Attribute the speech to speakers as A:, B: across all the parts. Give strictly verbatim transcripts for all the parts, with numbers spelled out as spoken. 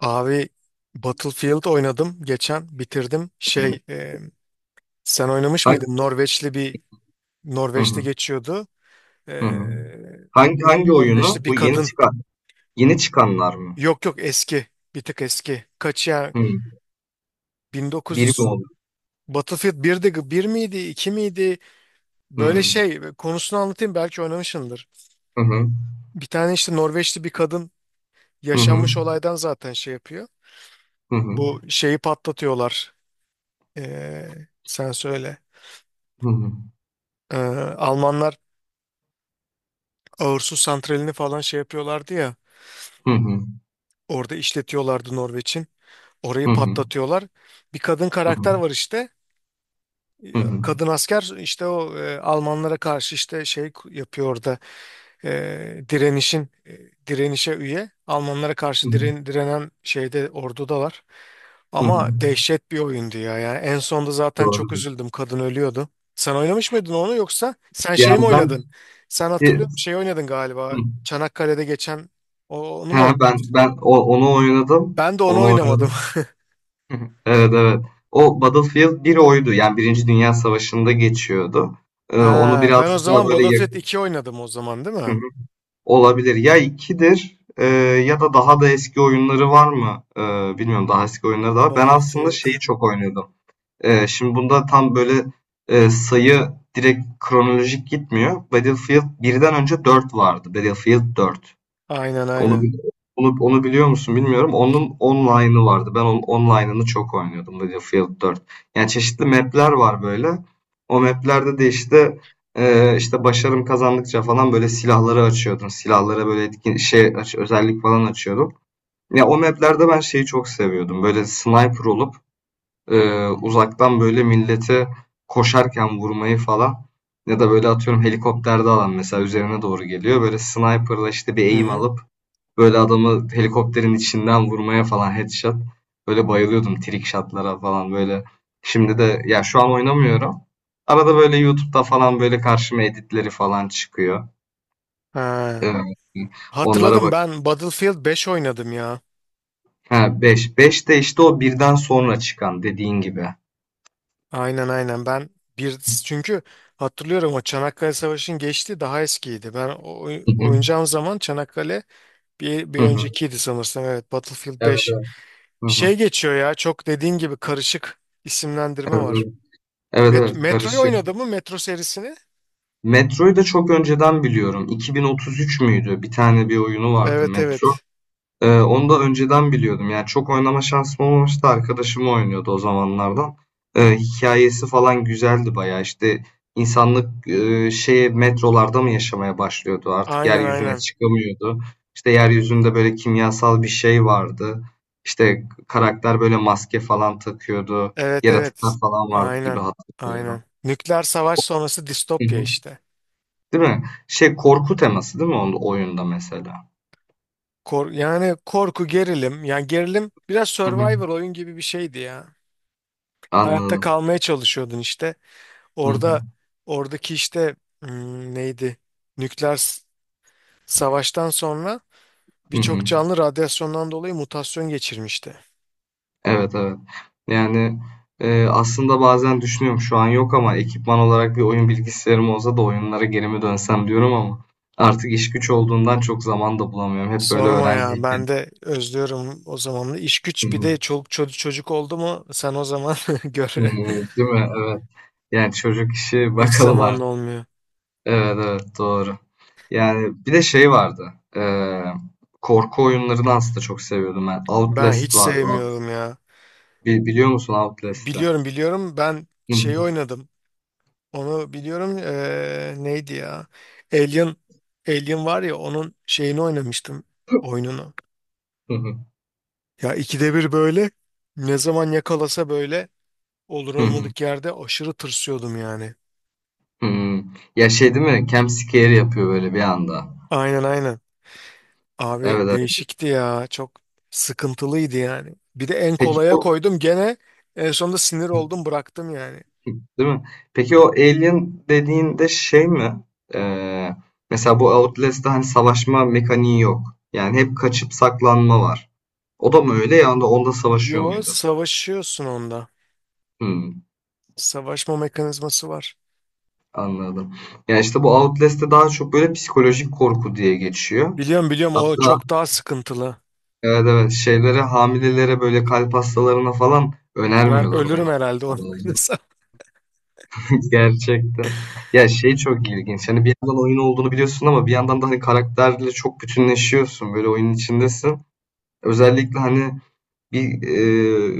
A: Abi, Battlefield oynadım geçen, bitirdim.
B: Hıı.
A: Şey e, sen oynamış mıydın? Norveçli bir
B: Hı
A: Norveç'te
B: hı.
A: geçiyordu. E,
B: Hı hı. Hangi hangi oyunu?
A: Norveçli bir
B: Bu yeni
A: kadın.
B: çıkan yeni çıkanlar mı?
A: Yok yok, eski. Bir tık eski. Kaç ya?
B: Hıı. Biri mi
A: bin dokuz yüz
B: oldu?
A: Battlefield birdi, bir miydi, iki miydi? Böyle
B: Hıı.
A: şey konusunu anlatayım, belki oynamışsındır.
B: Hı hı.
A: Bir tane işte Norveçli bir kadın,
B: Hı hı.
A: yaşanmış olaydan zaten şey yapıyor.
B: Hı hı.
A: Bu şeyi patlatıyorlar. E, Sen söyle.
B: Hı hı.
A: E, Almanlar Ağırsu santralini falan şey yapıyorlardı ya.
B: Hı hı.
A: Orada işletiyorlardı Norveç'in. Orayı
B: Hı hı.
A: patlatıyorlar. Bir kadın
B: Hı hı.
A: karakter var işte.
B: Hı hı.
A: Kadın asker işte o, e, Almanlara karşı işte şey yapıyor orada. e, direnişin e, Direnişe üye. Almanlara
B: Hı
A: karşı
B: hı.
A: diren, direnen şeyde, orduda var.
B: Hı hı.
A: Ama dehşet bir oyundu ya. Yani en sonda zaten çok
B: Doğrudur.
A: üzüldüm. Kadın ölüyordu. Sen oynamış mıydın onu, yoksa sen şey mi
B: Yani ben...
A: oynadın? Sen hatırlıyorum şey oynadın
B: Hı.
A: galiba. Çanakkale'de geçen, o- onu mu
B: Ha,
A: oynadın?
B: ben ben o onu oynadım.
A: Ben de onu
B: Onu
A: oynamadım.
B: oynadım. Hı hı. Evet, evet. O Battlefield bir oydu. Yani birinci Dünya Savaşı'nda geçiyordu. Eee, onu
A: Ha, ben o
B: birazcık daha
A: zaman
B: böyle
A: Battlefield
B: yakın...
A: iki oynadım, o zaman değil mi?
B: Olabilir. Ya ikidir, e, ya da daha da eski oyunları var mı? E, bilmiyorum, daha eski oyunları da var. Ben aslında
A: Battlefield.
B: şeyi çok oynuyordum. E, şimdi bunda tam böyle e, sayı direkt kronolojik gitmiyor. Battlefield birden önce dört vardı. Battlefield dört,
A: Aynen
B: onu
A: aynen.
B: bil- onu onu biliyor musun bilmiyorum. Onun online'ı vardı. Ben onun online'ını çok oynuyordum, Battlefield dört. Yani çeşitli map'ler var böyle. O map'lerde de işte e, işte başarım kazandıkça falan böyle silahları açıyordun. Silahlara böyle etkin şey aç- özellik falan açıyordun. Ya o map'lerde ben şeyi çok seviyordum. Böyle sniper olup e, uzaktan böyle milleti koşarken vurmayı falan. Ya da böyle atıyorum, helikopterde alan mesela üzerine doğru geliyor. Böyle sniper'la işte bir
A: Hı
B: aim
A: hı.
B: alıp böyle adamı helikopterin içinden vurmaya falan, headshot. Böyle bayılıyordum trick shot'lara falan böyle. Şimdi de ya şu an oynamıyorum. Arada böyle YouTube'da falan böyle karşıma editleri falan çıkıyor.
A: Ha.
B: Ee, Onlara
A: Hatırladım,
B: bak.
A: ben Battlefield beş oynadım ya.
B: Ha, beş 5 de işte o birden sonra çıkan, dediğin gibi.
A: Aynen aynen. Ben bir çünkü hatırlıyorum, o Çanakkale Savaşı'nın geçti, daha eskiydi. Ben o, oy-
B: Hı hı.
A: oynayacağım zaman Çanakkale bir, bir
B: Hı hı.
A: öncekiydi sanırsam, evet, Battlefield
B: Evet
A: beş.
B: evet. Hı hı.
A: Şey geçiyor ya, çok dediğin gibi karışık isimlendirme
B: Evet
A: var.
B: evet. Evet
A: Met, Evet.
B: evet,
A: Metro'yu
B: karışık.
A: oynadı mı, Metro serisini?
B: Metro'yu da çok önceden biliyorum. iki bin otuz üç müydü? Bir tane bir oyunu vardı,
A: Evet
B: Metro.
A: evet,
B: Ee, onu da önceden biliyordum. Yani çok oynama şansım olmamıştı. Arkadaşım oynuyordu o zamanlardan. Ee, hikayesi falan güzeldi bayağı. İşte insanlık e, şeye, metrolarda mı yaşamaya başlıyordu? Artık
A: aynen
B: yeryüzüne
A: aynen,
B: çıkamıyordu. İşte yeryüzünde böyle kimyasal bir şey vardı. İşte karakter böyle maske falan takıyordu.
A: evet
B: Yaratıklar
A: evet,
B: falan vardı gibi
A: aynen
B: hatırlıyorum.
A: aynen. Nükleer savaş sonrası
B: Hı
A: distopya
B: hı.
A: işte.
B: Değil mi? Şey, korku teması değil mi onun oyunda mesela?
A: Kor, yani korku gerilim, yani gerilim, biraz
B: Hı hı.
A: Survivor oyun gibi bir şeydi ya. Hayatta
B: Anladım.
A: kalmaya çalışıyordun işte.
B: Hı hı.
A: Orada Oradaki işte, hmm, neydi? Nükleer s- savaştan sonra
B: Hı hı.
A: birçok canlı radyasyondan dolayı mutasyon geçirmişti.
B: Evet evet. Yani e, aslında bazen düşünüyorum, şu an yok ama ekipman olarak bir oyun bilgisayarım olsa da oyunlara geri mi dönsem diyorum, ama artık iş güç olduğundan çok zaman da bulamıyorum. Hep böyle
A: Sorma ya,
B: öğrenciyken...
A: ben de özlüyorum o zamanı. İş
B: Hı.
A: güç, bir de çoluk çocuk çocuk oldu mu sen o zaman gör,
B: Değil mi? Evet. Yani çocuk işi
A: hiç
B: bakalım
A: zamanın
B: artık.
A: olmuyor.
B: Evet evet, doğru. Yani bir de şey vardı. E, korku oyunlarını aslında çok seviyordum ben.
A: Ben hiç
B: Outlast vardı.
A: sevmiyorum ya.
B: Bi- biliyor musun Outlast'ı?
A: Biliyorum biliyorum, ben
B: Hı hı.
A: şey oynadım. Onu biliyorum. Eee, neydi ya? Alien, Alien var ya, onun şeyini oynamıştım. Oyununu.
B: Hı hı.
A: Ya ikide bir böyle, ne zaman yakalasa böyle, olur
B: Hı hı.
A: olmadık yerde aşırı tırsıyordum yani.
B: Hımm. Ya, şey değil mi? Jumpscare yapıyor böyle bir anda.
A: Aynen aynen.
B: Evet,
A: Abi
B: evet.
A: değişikti ya. Çok sıkıntılıydı yani. Bir de en
B: Peki
A: kolaya
B: o
A: koydum, gene en sonunda sinir oldum, bıraktım yani.
B: değil mi? Peki o Alien dediğinde şey mi? Eee, Mesela bu Outlast'ta hani savaşma mekaniği yok. Yani hep kaçıp saklanma var. O da mı öyle? Yani onda savaşıyor
A: Yo,
B: muydu?
A: savaşıyorsun onda.
B: Hımm,
A: Savaşma mekanizması var.
B: anladım. Yani işte, bu Outlast'te daha çok böyle psikolojik korku diye geçiyor.
A: Biliyorum biliyorum, o
B: Hatta...
A: çok daha sıkıntılı.
B: Evet, evet. Şeylere, hamilelere, böyle kalp hastalarına falan
A: Ben
B: önermiyorlar
A: ölürüm
B: oynamayı.
A: herhalde onu oynasam.
B: Gerçekten. Ya şey çok ilginç. Hani bir yandan oyun olduğunu biliyorsun ama bir yandan da hani karakterle çok bütünleşiyorsun. Böyle oyunun içindesin. Özellikle hani bir e,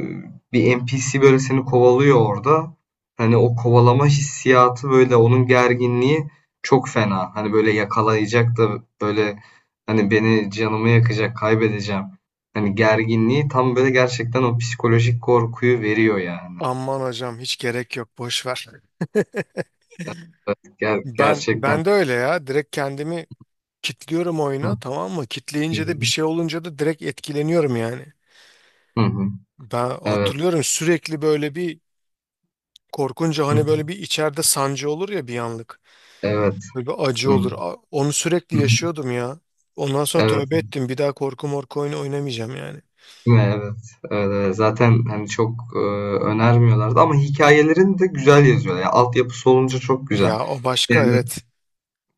B: bir N P C böyle seni kovalıyor orada. Hani o kovalama hissiyatı, böyle onun gerginliği çok fena. Hani böyle yakalayacak da, böyle hani beni, canımı yakacak, kaybedeceğim. Hani gerginliği tam böyle, gerçekten o psikolojik korkuyu veriyor yani.
A: Aman hocam, hiç gerek yok, boş ver.
B: Ger-
A: Ben
B: gerçekten.
A: ben de öyle ya, direkt kendimi kitliyorum
B: Hı hı.
A: oyuna, tamam mı? Kitleyince de, bir şey olunca da direkt etkileniyorum yani.
B: Hı hı.
A: Ben
B: Evet.
A: hatırlıyorum, sürekli böyle bir, korkunca
B: Hıh.
A: hani böyle bir içeride sancı olur ya bir anlık.
B: Evet.
A: Böyle bir acı
B: Hıh.
A: olur. A- Onu sürekli
B: Hıh.
A: yaşıyordum ya. Ondan sonra
B: Evet.
A: tövbe ettim. Bir daha korku morku oyunu oynamayacağım yani.
B: Değil mi? Evet. Evet, evet. Zaten hani çok, eee, önermiyorlardı ama hikâyelerini de güzel yazıyorlar. Ya, altyapısı olunca çok güzel.
A: Ya o başka,
B: Yani...
A: evet.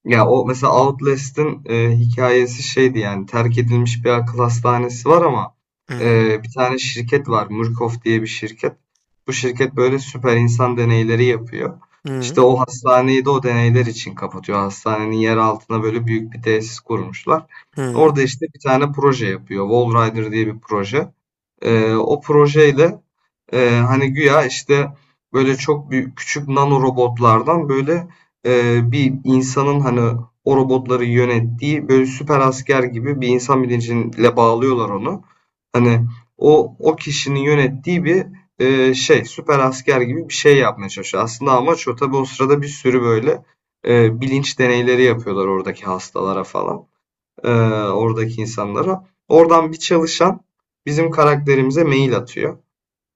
B: Ya o mesela Outlast'ın e, hikayesi şeydi, yani terk edilmiş bir akıl hastanesi var ama
A: Hı hı.
B: e, bir tane şirket var, Murkoff diye bir şirket. Bu şirket böyle süper insan deneyleri yapıyor.
A: Hı
B: İşte o hastaneyi de o deneyler için kapatıyor. Hastanenin yer altına böyle büyük bir tesis kurmuşlar.
A: hı.
B: Orada işte bir tane proje yapıyor, Wall Rider diye bir proje. E, o projeyle... Eee, hani güya işte böyle çok büyük küçük nano robotlardan böyle eee, bir insanın hani o robotları yönettiği, böyle süper asker gibi, bir insan bilinciyle bağlıyorlar onu. Hani o o kişinin yönettiği bir eee, şey, süper asker gibi bir şey yapmaya çalışıyor. Aslında amaç o. Tabii o sırada bir sürü böyle eee, bilinç deneyleri yapıyorlar oradaki hastalara falan. Eee, Oradaki insanlara. Oradan bir çalışan bizim karakterimize mail atıyor.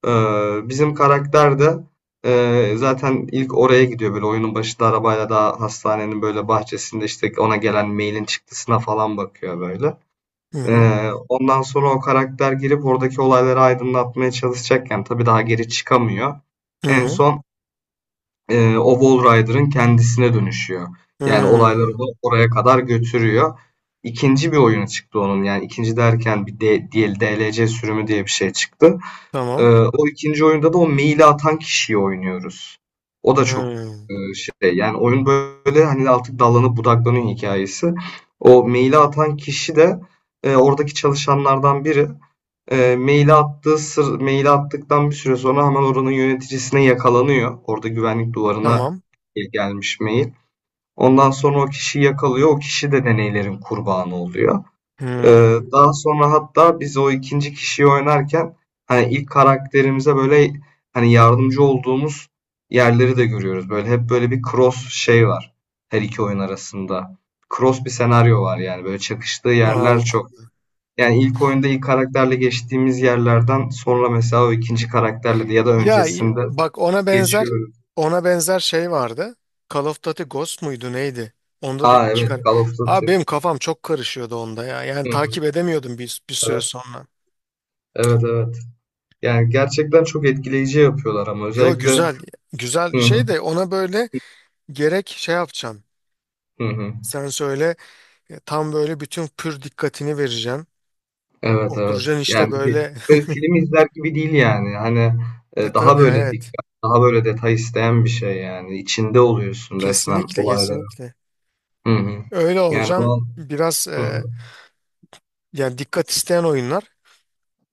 B: Eee, bizim karakter de eee, zaten ilk oraya gidiyor, böyle oyunun başında arabayla, daha hastanenin böyle bahçesinde işte ona gelen mailin çıktısına falan bakıyor böyle.
A: Hı hı.
B: Eee, ondan sonra o karakter girip oradaki olayları aydınlatmaya çalışacakken, tabii daha geri çıkamıyor.
A: Hı
B: En
A: hı.
B: son eee, o Wall Rider'ın kendisine dönüşüyor.
A: Hı hı.
B: Yani olayları
A: Hı.
B: da oraya kadar götürüyor. İkinci bir oyunu çıktı onun, yani ikinci derken bir D- DL D L C sürümü diye bir şey çıktı. Ee,
A: Tamam.
B: O ikinci oyunda da o maili atan kişiyi oynuyoruz. O da çok
A: Hmm,
B: e, şey, yani oyun böyle hani artık dallanıp budaklanıyor hikayesi. O maili atan kişi de e, oradaki çalışanlardan biri. E, maili attığı sır, maili attıktan bir süre sonra hemen oranın yöneticisine yakalanıyor. Orada güvenlik duvarına
A: Tamam.
B: gelmiş mail. Ondan sonra o kişiyi yakalıyor. O kişi de deneylerin kurbanı oluyor. Ee,
A: Hmm.
B: Daha sonra hatta biz o ikinci kişiyi oynarken hani ilk karakterimize böyle hani yardımcı olduğumuz yerleri de görüyoruz. Böyle hep böyle bir cross şey var her iki oyun arasında. Cross bir senaryo var yani, böyle çakıştığı yerler
A: Allah.
B: çok. Yani ilk oyunda ilk karakterle geçtiğimiz yerlerden sonra mesela o ikinci karakterle de, ya da
A: Ya i-
B: öncesinde
A: bak ona benzer,
B: geçiyoruz.
A: ona benzer şey vardı. Call of Duty Ghost muydu, neydi? Onda da
B: Aa,
A: iki
B: evet,
A: kar.
B: Call of
A: Abi
B: Duty.
A: benim kafam çok karışıyordu onda ya. Yani
B: Hı hı,
A: takip edemiyordum bir, bir süre
B: evet
A: sonra.
B: evet evet. Yani gerçekten çok etkileyici yapıyorlar ama
A: Yo,
B: özellikle,
A: güzel. Güzel
B: hı
A: şey
B: hı,
A: de, ona böyle gerek şey yapacaksın.
B: hı hı.
A: Sen söyle, e, tam böyle bütün pür dikkatini vereceksin.
B: Evet, evet.
A: Oturacaksın
B: Yani
A: işte
B: bir
A: böyle.
B: böyle film izler gibi değil yani. Hani
A: E
B: eee, daha
A: tabii,
B: böyle
A: evet.
B: dikkat, daha böyle detay isteyen bir şey yani. İçinde oluyorsun resmen
A: Kesinlikle
B: olayların.
A: kesinlikle.
B: Hı hı.
A: Öyle
B: Yani
A: olacaksın.
B: o...
A: Biraz
B: Hı hı.
A: e, Yani dikkat isteyen oyunlar.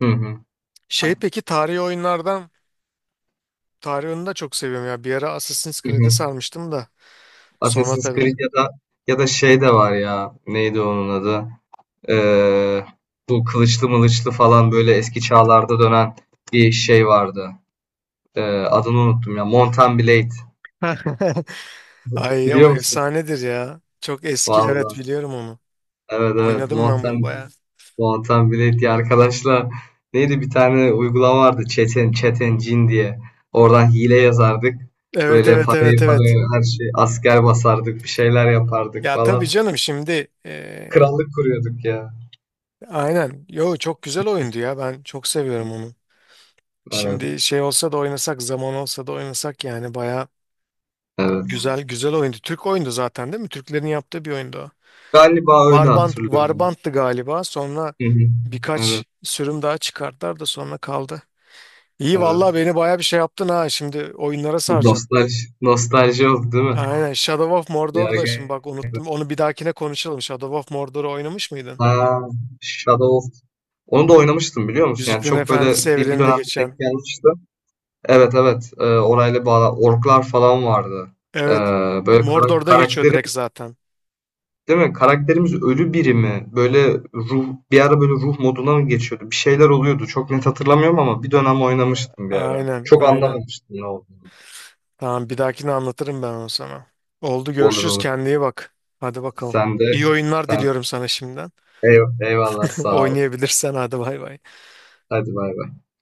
B: Hı hı.
A: Şey, peki tarihi oyunlardan, tarihi oyunu da çok seviyorum ya. Bir ara Assassin's
B: Hı hı.
A: Creed'e sarmıştım da, sonra
B: Assassin's
A: tabii.
B: Creed, ya da ya da şey de var ya, neydi onun adı? Eee, Bu kılıçlı mılıçlı falan böyle eski çağlarda dönen bir şey vardı. Eee, Adını unuttum ya. Mount Blade.
A: Ay o
B: Biliyor musun?
A: efsanedir ya. Çok eski, evet,
B: Vallahi.
A: biliyorum onu.
B: Evet, evet.
A: Oynadım
B: Mount
A: ben bunu bayağı.
B: Volatan Bilek arkadaşlar, neydi, bir tane uygulama vardı Çeten Çeten Cin diye. Oradan hile yazardık.
A: Evet
B: Böyle
A: evet evet
B: parayı parayı,
A: evet.
B: her şey, asker basardık, bir şeyler yapardık
A: Ya tabii
B: falan.
A: canım şimdi, eee,
B: Krallık kuruyorduk ya.
A: aynen. Yo çok güzel oyundu ya, ben çok seviyorum onu.
B: Evet,
A: Şimdi şey olsa da oynasak, zaman olsa da oynasak, yani bayağı
B: evet.
A: güzel güzel oyundu. Türk oyundu zaten değil mi? Türklerin yaptığı bir oyundu o.
B: Galiba öyle
A: Varbant,
B: hatırlıyorum.
A: Varbant'tı galiba. Sonra
B: Hı hı. Evet,
A: birkaç sürüm daha çıkarttılar da sonra kaldı. İyi vallahi,
B: evet.
A: beni baya bir şey yaptın ha. Şimdi oyunlara saracağım.
B: Nostalji, nostalji oldu değil mi?
A: Aynen, Shadow of
B: Ya,
A: Mordor da şimdi
B: ge-
A: bak unuttum. Onu bir dahakine konuşalım. Shadow of Mordor'u oynamış mıydın?
B: ha, Shadow of... Onu da oynamıştım, biliyor musun? Yani
A: Yüzüklerin
B: çok
A: Efendisi
B: böyle bir, bir
A: evreninde
B: dönem
A: geçen.
B: denk gelmişti. Evet evet. Ee, orayla bağlı. Orklar falan vardı. Ee,
A: Evet.
B: Böyle kara-
A: Mordor'da geçiyor direkt
B: karakterimiz
A: zaten.
B: değil mi? Karakterimiz ölü biri mi? Böyle ruh, bir ara böyle ruh moduna mı geçiyordu? Bir şeyler oluyordu. Çok net hatırlamıyorum ama bir dönem oynamıştım bir ara.
A: Aynen,
B: Çok
A: aynen.
B: anlamamıştım ne oldu.
A: Tamam, bir dahakine anlatırım ben onu sana. Oldu,
B: Olur
A: görüşürüz,
B: olur.
A: kendine iyi bak. Hadi bakalım.
B: Sen de,
A: İyi oyunlar
B: sen
A: diliyorum sana şimdiden.
B: eyv- eyvallah, sağ ol.
A: Oynayabilirsen, hadi bay bay.
B: Hadi bay bay.